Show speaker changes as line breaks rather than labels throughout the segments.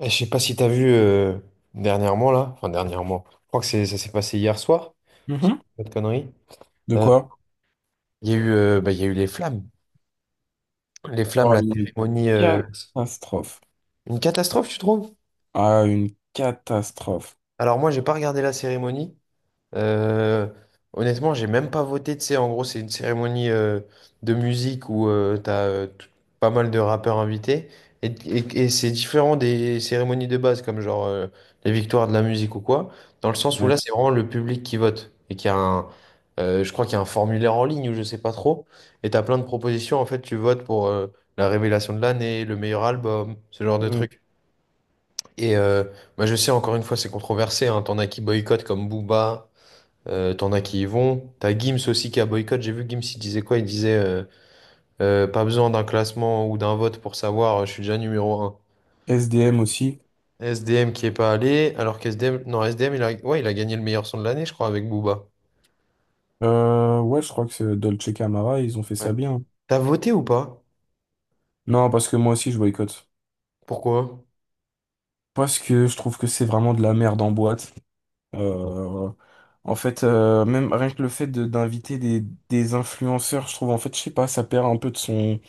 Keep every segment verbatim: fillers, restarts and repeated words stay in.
Eh, je sais pas si t'as vu euh, dernièrement là, enfin dernièrement, je crois que c'est, ça s'est passé hier soir, si je dis
Mhm.
pas de conneries.
De
Euh,
quoi?
Il y a eu, euh, bah, il y a eu les flammes, les flammes,
Oh,
la
une
cérémonie, euh,
catastrophe.
une catastrophe, tu trouves?
Ah, une catastrophe.
Alors moi, j'ai pas regardé la cérémonie. Euh, Honnêtement, j'ai même pas voté. Tu sais, en gros, c'est une cérémonie euh, de musique où euh, t'as euh, tout- pas mal de rappeurs invités. Et, et- et c'est différent des cérémonies de base, comme genre euh, les victoires de la musique ou quoi, dans le sens où
Ouais.
là, c'est vraiment le public qui vote. Et qu'il y a un, euh, je crois qu'il y a un formulaire en ligne ou je sais pas trop. Et t'as plein de propositions. En fait, tu votes pour euh, la révélation de l'année, le meilleur album, ce genre de
Euh,
truc. Et euh, bah, je sais, encore une fois, c'est controversé. Hein, t'en as qui boycottent comme Booba. Euh, t'en as qui y vont. T'as Gims aussi qui a boycott. J'ai vu Gims, il disait quoi? Il disait euh, euh, pas besoin d'un classement ou d'un vote pour savoir, euh, je suis déjà numéro un.
S D M aussi.
S D M qui est pas allé, alors qu'S D M non, S D M il a, ouais, il a gagné le meilleur son de l'année, je crois, avec Booba.
Euh, ouais, je crois que c'est Dolce Camara, ils ont fait
Ouais.
ça bien.
T'as voté ou pas?
Non, parce que moi aussi, je boycotte.
Pourquoi?
Parce que je trouve que c'est vraiment de la merde en boîte. Euh, En fait, euh, même rien que le fait de- d'inviter des, des influenceurs, je trouve, en fait, je sais pas, ça perd un peu de son...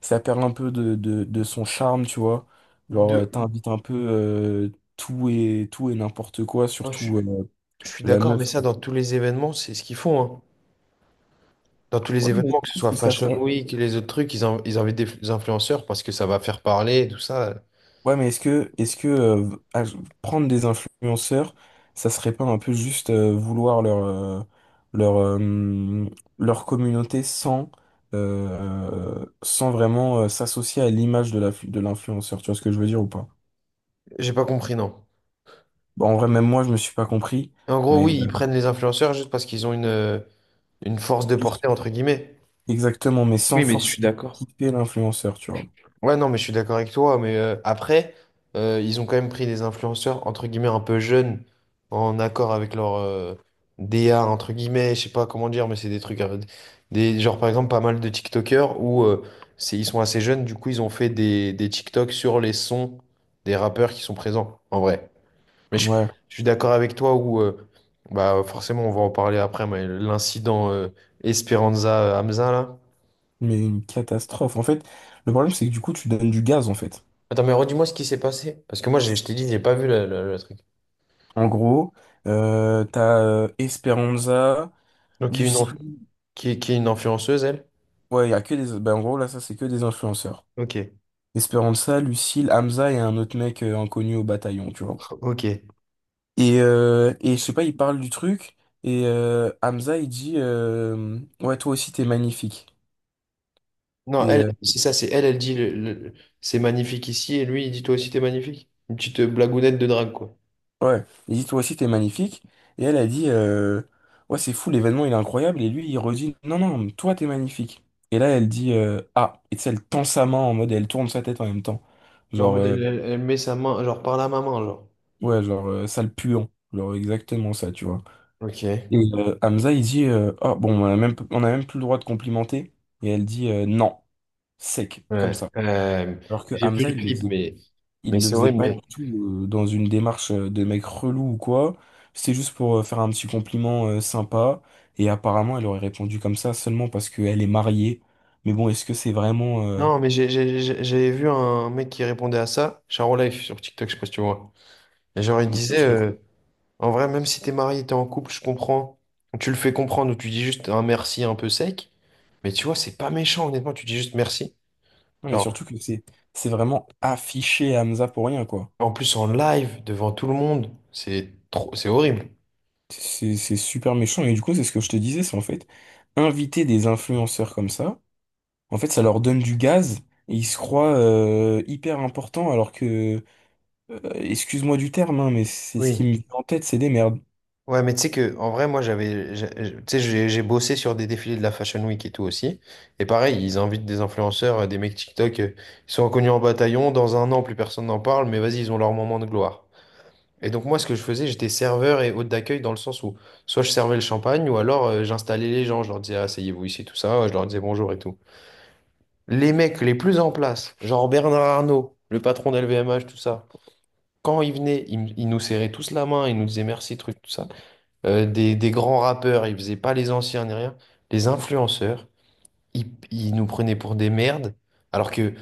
ça perd un peu de, de, de son charme, tu vois. Genre, euh,
De...
t'invites un peu euh, tout et tout et n'importe quoi,
Moi, Je,
surtout euh,
je suis
la
d'accord,
meuf.
mais ça, dans tous les événements, c'est ce qu'ils font, hein. Dans tous les
Ouais, mais je
événements, que ce
trouve
soit
que ça.
Fashion
on-
Week, les autres trucs, ils, in- ils invitent des influenceurs parce que ça va faire parler, et tout ça.
Ouais, mais est-ce que est-ce que euh, ah, je- prendre des influenceurs, ça serait pas un peu juste euh, vouloir leur euh, leur euh, leur communauté sans euh, sans vraiment euh, s'associer à l'image de la de l'influenceur, tu vois ce que je veux dire ou pas?
J'ai pas compris, non.
Bon, en vrai, même moi, je me suis pas compris,
En gros,
mais
oui, ils prennent les influenceurs juste parce qu'ils ont une, euh, une force de
euh,
portée, entre guillemets.
exactement, mais sans
Oui, mais je suis
forcément
d'accord.
quitter l'influenceur, tu vois.
Ouais, non, mais je suis d'accord avec toi. Mais euh, après, euh, ils ont quand même pris des influenceurs, entre guillemets, un peu jeunes, en accord avec leur euh, D A, entre guillemets, je sais pas comment dire, mais c'est des trucs, euh, des, genre, par exemple, pas mal de TikTokers où euh, c'est, ils sont assez jeunes, du coup, ils ont fait des, des TikToks sur les sons des rappeurs qui sont présents, en vrai. Mais je,
Ouais,
je suis d'accord avec toi où, euh, bah, forcément, on va en parler après, mais l'incident euh, Esperanza Hamza, là.
mais une catastrophe. En fait, le problème, c'est que du coup, tu donnes du gaz, en fait.
Attends, mais redis-moi ce qui s'est passé. Parce que moi, j'ai- je t'ai dit, j'ai pas vu le, le- le truc.
En gros, euh, t'as euh, Esperanza,
Donc, il y a une, enf-
Lucille.
qui est, qui est une influenceuse, elle?
Ouais, il y a que des. Ben, en gros, là, ça, c'est que des influenceurs.
Ok,
Esperanza, Lucille, Hamza et un autre mec euh, inconnu au bataillon, tu vois.
ok.
Et, euh, et je sais pas, il parle du truc, et euh, Hamza, il dit euh, ouais, toi aussi, t'es magnifique.
Non, elle, c'est ça, c'est elle, elle dit le, le- c'est magnifique ici, et lui, il dit toi aussi, t'es magnifique. Une petite blagounette de drague, quoi.
Ouais, il dit toi aussi t'es magnifique. Et elle a dit euh, ouais, c'est fou, l'événement il est incroyable, et lui il redit non non toi t'es magnifique. Et là elle dit euh, ah, et tu sais, elle tend sa main en mode elle tourne sa tête en même temps
Genre, en
genre
mode,
euh,
elle, elle- elle met sa main, genre, par la maman, genre.
ouais genre euh, sale puant, genre exactement ça, tu vois.
Ok,
Et euh, Hamza il dit euh, ah bon, on a même on a même plus le droit de complimenter, et elle dit euh, non, sec comme
ouais.
ça.
Euh,
Alors que
j'ai vu
Hamza
le
il le
clip,
faisait.
mais, mais
Il le
c'est
faisait
horrible,
pas du
mais.
tout euh, dans une démarche euh, de mec relou ou quoi. C'était juste pour euh, faire un petit compliment euh, sympa. Et apparemment, elle aurait répondu comme ça seulement parce qu'elle est mariée. Mais bon, est-ce que c'est vraiment... euh,
Non, mais j'ai j'ai- j'ai- j'avais vu un mec qui répondait à ça, Charo Life sur TikTok, je sais pas si tu vois. Et genre, il
bien
disait,
sûr.
euh, en vrai, même si t'es marié, t'es en couple, je comprends. Tu le fais comprendre ou tu dis juste un merci un peu sec. Mais tu vois, c'est pas méchant, honnêtement, tu dis juste merci.
Non, mais
Genre,
surtout que c'est c'est vraiment affiché à Hamza pour rien, quoi.
en plus en live, devant tout le monde, c'est trop, c'est horrible.
C'est c'est super méchant. Et du coup, c'est ce que je te disais, c'est en fait, inviter des influenceurs comme ça, en fait, ça leur donne du gaz et ils se croient euh, hyper importants alors que... Euh, excuse-moi du terme, hein, mais c'est ce qui
Oui.
me vient en tête, c'est des merdes.
Ouais, mais tu sais que, en vrai, moi, j'avais, j'ai- j'ai- tu sais, j'ai j'ai bossé sur des défilés de la Fashion Week et tout aussi. Et pareil, ils invitent des influenceurs, euh, des mecs TikTok, euh, ils sont inconnus en bataillon. Dans un an, plus personne n'en parle, mais vas-y, ils ont leur moment de gloire. Et donc moi, ce que je faisais, j'étais serveur et hôte d'accueil dans le sens où soit je servais le champagne ou alors euh, j'installais les gens, je leur disais asseyez-vous ici, tout ça, je leur disais bonjour et tout. Les mecs les plus en place, genre Bernard Arnault, le patron d'L V M H, tout ça, quand ils venaient, ils, m- ils nous serraient tous la main, ils nous disaient merci, truc, tout ça. Euh, des, des grands rappeurs, ils faisaient pas les anciens ni rien. Les influenceurs, ils, ils nous prenaient pour des merdes, alors que,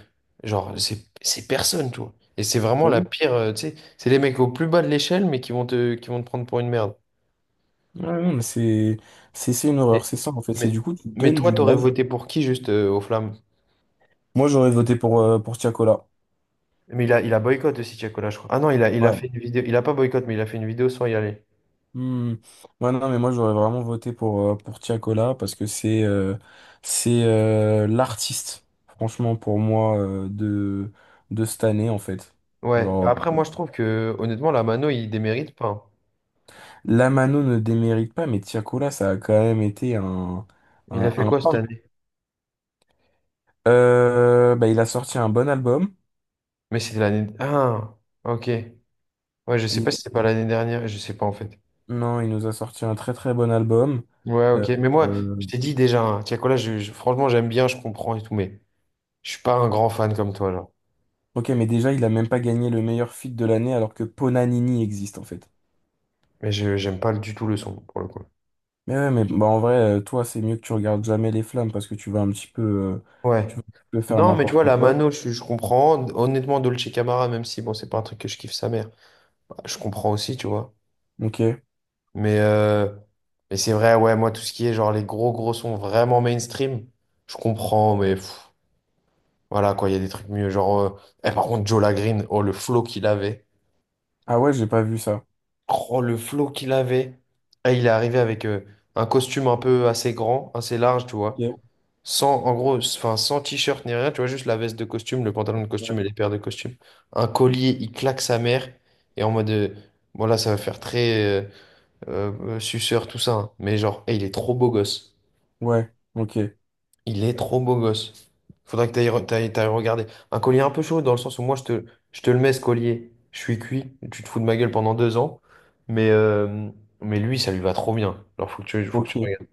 genre, c'est c'est personne, tu vois. Et c'est vraiment
Mais
la
oui.
pire, euh, tu sais, c'est les mecs au plus bas de l'échelle, mais qui vont te, qui vont te prendre pour une merde.
Ouais, non, mais c'est c'est c'est une horreur,
Mais,
c'est ça en fait. C'est
mais,
du coup, tu
mais
donnes
toi,
du
t'aurais
gaz.
voté pour qui juste euh, aux flammes?
Moi, j'aurais voté pour, euh, pour Tiakola.
Mais il a, il a boycott aussi, Tiakola, je crois. Ah non, il a, il a
Ouais.
fait une vidéo, il a pas boycott, mais il a fait une vidéo sans y aller.
Hmm. Ouais, non, mais moi, j'aurais vraiment voté pour, euh, pour Tiakola parce que c'est euh, c'est euh, l'artiste, franchement, pour moi, euh, de, de cette année en fait.
Ouais. Bah
Genre,
après, moi, je trouve que, honnêtement, la Mano, il démérite pas, hein.
Lamano ne démérite pas, mais Tiakola, ça a quand même été un,
Il a
un,
fait
un
quoi
pain.
cette année?
Euh, bah, il a sorti un bon album.
Mais c'était l'année. Ah, ok. Ouais, je sais pas si c'était pas l'année dernière, je sais pas en fait.
Non, il nous a sorti un très très bon album.
Ouais,
Euh,
ok. Mais moi,
euh,
je t'ai dit déjà, hein, Tiakola, je, je- franchement, j'aime bien, je comprends et tout, mais je suis pas un grand fan comme toi, genre.
ok, mais déjà, il a même pas gagné le meilleur feat de l'année alors que Ponanini existe en fait.
Mais je j'aime pas du tout le son, pour le coup.
Mais ouais, mais bah, en vrai, euh, toi, c'est mieux que tu regardes jamais les flammes parce que tu vas un petit peu, euh,
Ouais.
tu vas un petit peu faire
Non, mais tu
n'importe
vois, la
quoi.
Mano, je, je comprends. Honnêtement, Dolce Camara, même si, bon, c'est pas un truc que je kiffe sa mère, je comprends aussi, tu vois.
Ok.
Mais, euh, mais c'est vrai, ouais, moi, tout ce qui est, genre, les gros, gros sons vraiment mainstream, je comprends, mais pff, voilà, quoi, il y a des trucs mieux. Genre, euh, eh, par contre, Joe Green, oh, le flow qu'il avait.
Ah ouais, j'ai pas vu ça.
Oh, le flow qu'il avait. Ah, il est arrivé avec euh, un costume un peu assez grand, assez large, tu vois.
Ok.
Sans, en gros, s- enfin, sans t-shirt ni rien, tu vois, juste la veste de costume, le pantalon de
Ouais.
costume et les paires de costume. Un collier, il claque sa mère. Et en mode, euh, bon là, ça va faire très euh, euh, euh, suceur, tout ça, hein. Mais genre, eh, il est trop beau gosse.
Ouais, ok.
Il est trop beau gosse. Faudrait que t'ailles re- t'ailles- t'ailles regarder. Un collier un peu chaud dans le sens où moi je te, je te le mets ce collier. Je suis cuit, tu te fous de ma gueule pendant deux ans. Mais, euh, mais lui, ça lui va trop bien. Alors faut que tu, faut que tu
Ok.
regardes.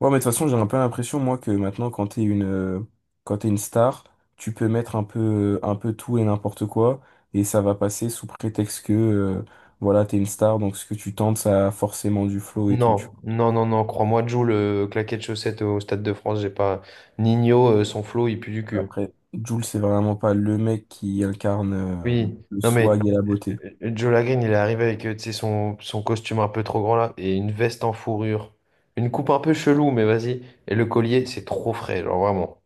Ouais, mais de toute façon, j'ai un peu l'impression, moi, que maintenant, quand t'es une, euh, quand t'es une star, tu peux mettre un peu, un peu tout et n'importe quoi, et ça va passer sous prétexte que, euh, voilà, t'es une star, donc ce que tu tentes, ça a forcément du flow et tout, tu
Non,
vois.
non, non, non, crois-moi, Joe, le claquet de chaussettes au Stade de France, j'ai pas. Nino, euh, son flow, il pue du cul.
Après, Jules, c'est vraiment pas le mec qui incarne, euh,
Oui,
le
non mais
swag et la beauté.
euh, Joe Lagreen, il est arrivé avec euh, tu sais, son, son costume un peu trop grand là et une veste en fourrure. Une coupe un peu chelou, mais vas-y. Et le collier, c'est trop frais, genre vraiment.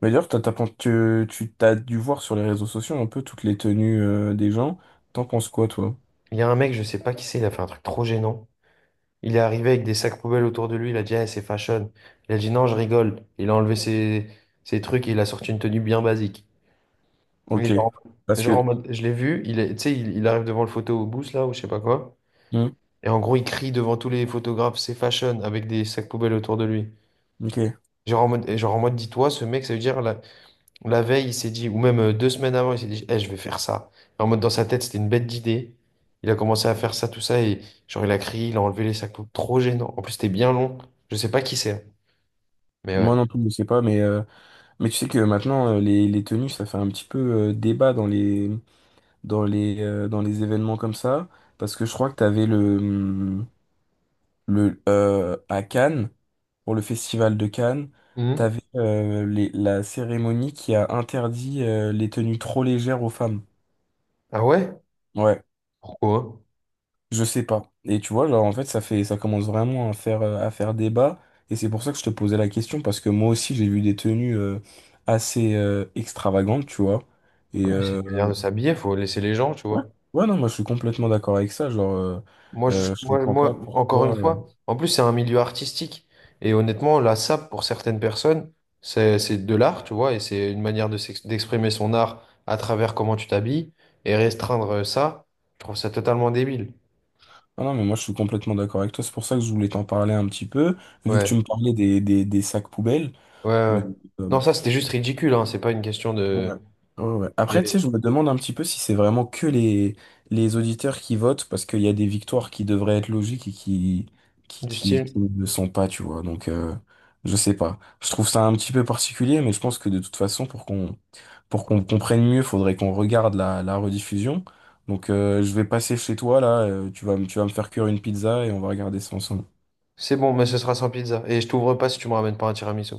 Mais d'ailleurs, t'as, t'as pen- tu, tu t'as dû voir sur les réseaux sociaux un peu toutes les tenues, euh, des gens. T'en penses quoi, toi?
Il y a un mec, je sais pas qui c'est, il a fait un truc trop gênant. Il est arrivé avec des sacs poubelles autour de lui, il a dit, ah, c'est fashion. Il a dit, non, je rigole. Il a enlevé ses, ses trucs et il a sorti une tenue bien basique. Mais
Ok.
genre,
Parce
genre en
que,
mode, je l'ai vu, il est, tu sais, il, il arrive devant le photo au booth là, ou je sais pas quoi.
hmm,
Et en gros, il crie devant tous les photographes, c'est fashion, avec des sacs poubelles autour de lui.
ok.
Genre en mode, et genre en mode, dis-toi, ce mec, ça veut dire, là, la veille, il s'est dit, ou même euh, deux semaines avant, il s'est dit, eh, je vais faire ça. En mode, dans sa tête, c'était une bête d'idée. Il a commencé à faire ça, tout ça, et genre, il a crié, il a enlevé les sacs, trop gênant. En plus, c'était bien long. Je sais pas qui c'est, hein. Mais
Moi
ouais.
non plus, je sais pas, mais. euh, Mais tu sais que maintenant, euh, les, les tenues, ça fait un petit peu euh, débat dans les, dans les, euh, dans les événements comme ça. Parce que je crois que tu avais le, hum, le euh, à Cannes, pour le festival de Cannes, tu
Mhm.
avais la cérémonie qui a interdit euh, les tenues trop légères aux femmes.
Ah ouais?
Ouais,
Pourquoi?
je sais pas. Et tu vois, genre en fait, ça fait, ça commence vraiment à faire, euh, à faire débat. Et c'est pour ça que je te posais la question, parce que moi aussi, j'ai vu des tenues euh, assez euh, extravagantes, tu vois.
Ouais,
Et,
mais c'est une manière de
euh,
s'habiller, faut laisser les gens, tu
ouais,
vois.
ouais, non, moi je suis complètement d'accord avec ça. Genre, euh,
Moi, je-
euh, je
moi,
comprends pas
moi, encore une
pourquoi. euh,
fois, en plus, c'est un milieu artistique. Et honnêtement, la sape, pour certaines personnes, c'est, c'est de l'art, tu vois, et c'est une manière de s'ex- d'exprimer son art à travers comment tu t'habilles. Et restreindre euh, ça, je trouve ça totalement débile.
Ah non, mais moi je suis complètement d'accord avec toi. C'est pour ça que je voulais t'en parler un petit peu, vu que tu
Ouais,
me parlais des, des, des sacs poubelles.
ouais, ouais.
Mais euh,
Non, ça, c'était juste ridicule, hein, c'est pas une question
ouais.
de...
Ouais, ouais. Après, tu
Mais
sais, je me demande un petit peu si c'est vraiment que les, les auditeurs qui votent, parce qu'il y a des victoires qui devraient être logiques et qui, qui,
du
qui,
style,
qui ne le sont pas, tu vois. Donc, euh, je sais pas. Je trouve ça un petit peu particulier, mais je pense que de toute façon, pour qu'on pour qu'on comprenne mieux, faudrait qu'on regarde la, la rediffusion. Donc, euh, je vais passer chez toi, là, euh, tu vas, me- tu vas me faire cuire une pizza et on va regarder ça ensemble.
c'est bon, mais ce sera sans pizza. Et je t'ouvre pas si tu me ramènes pas un tiramisu.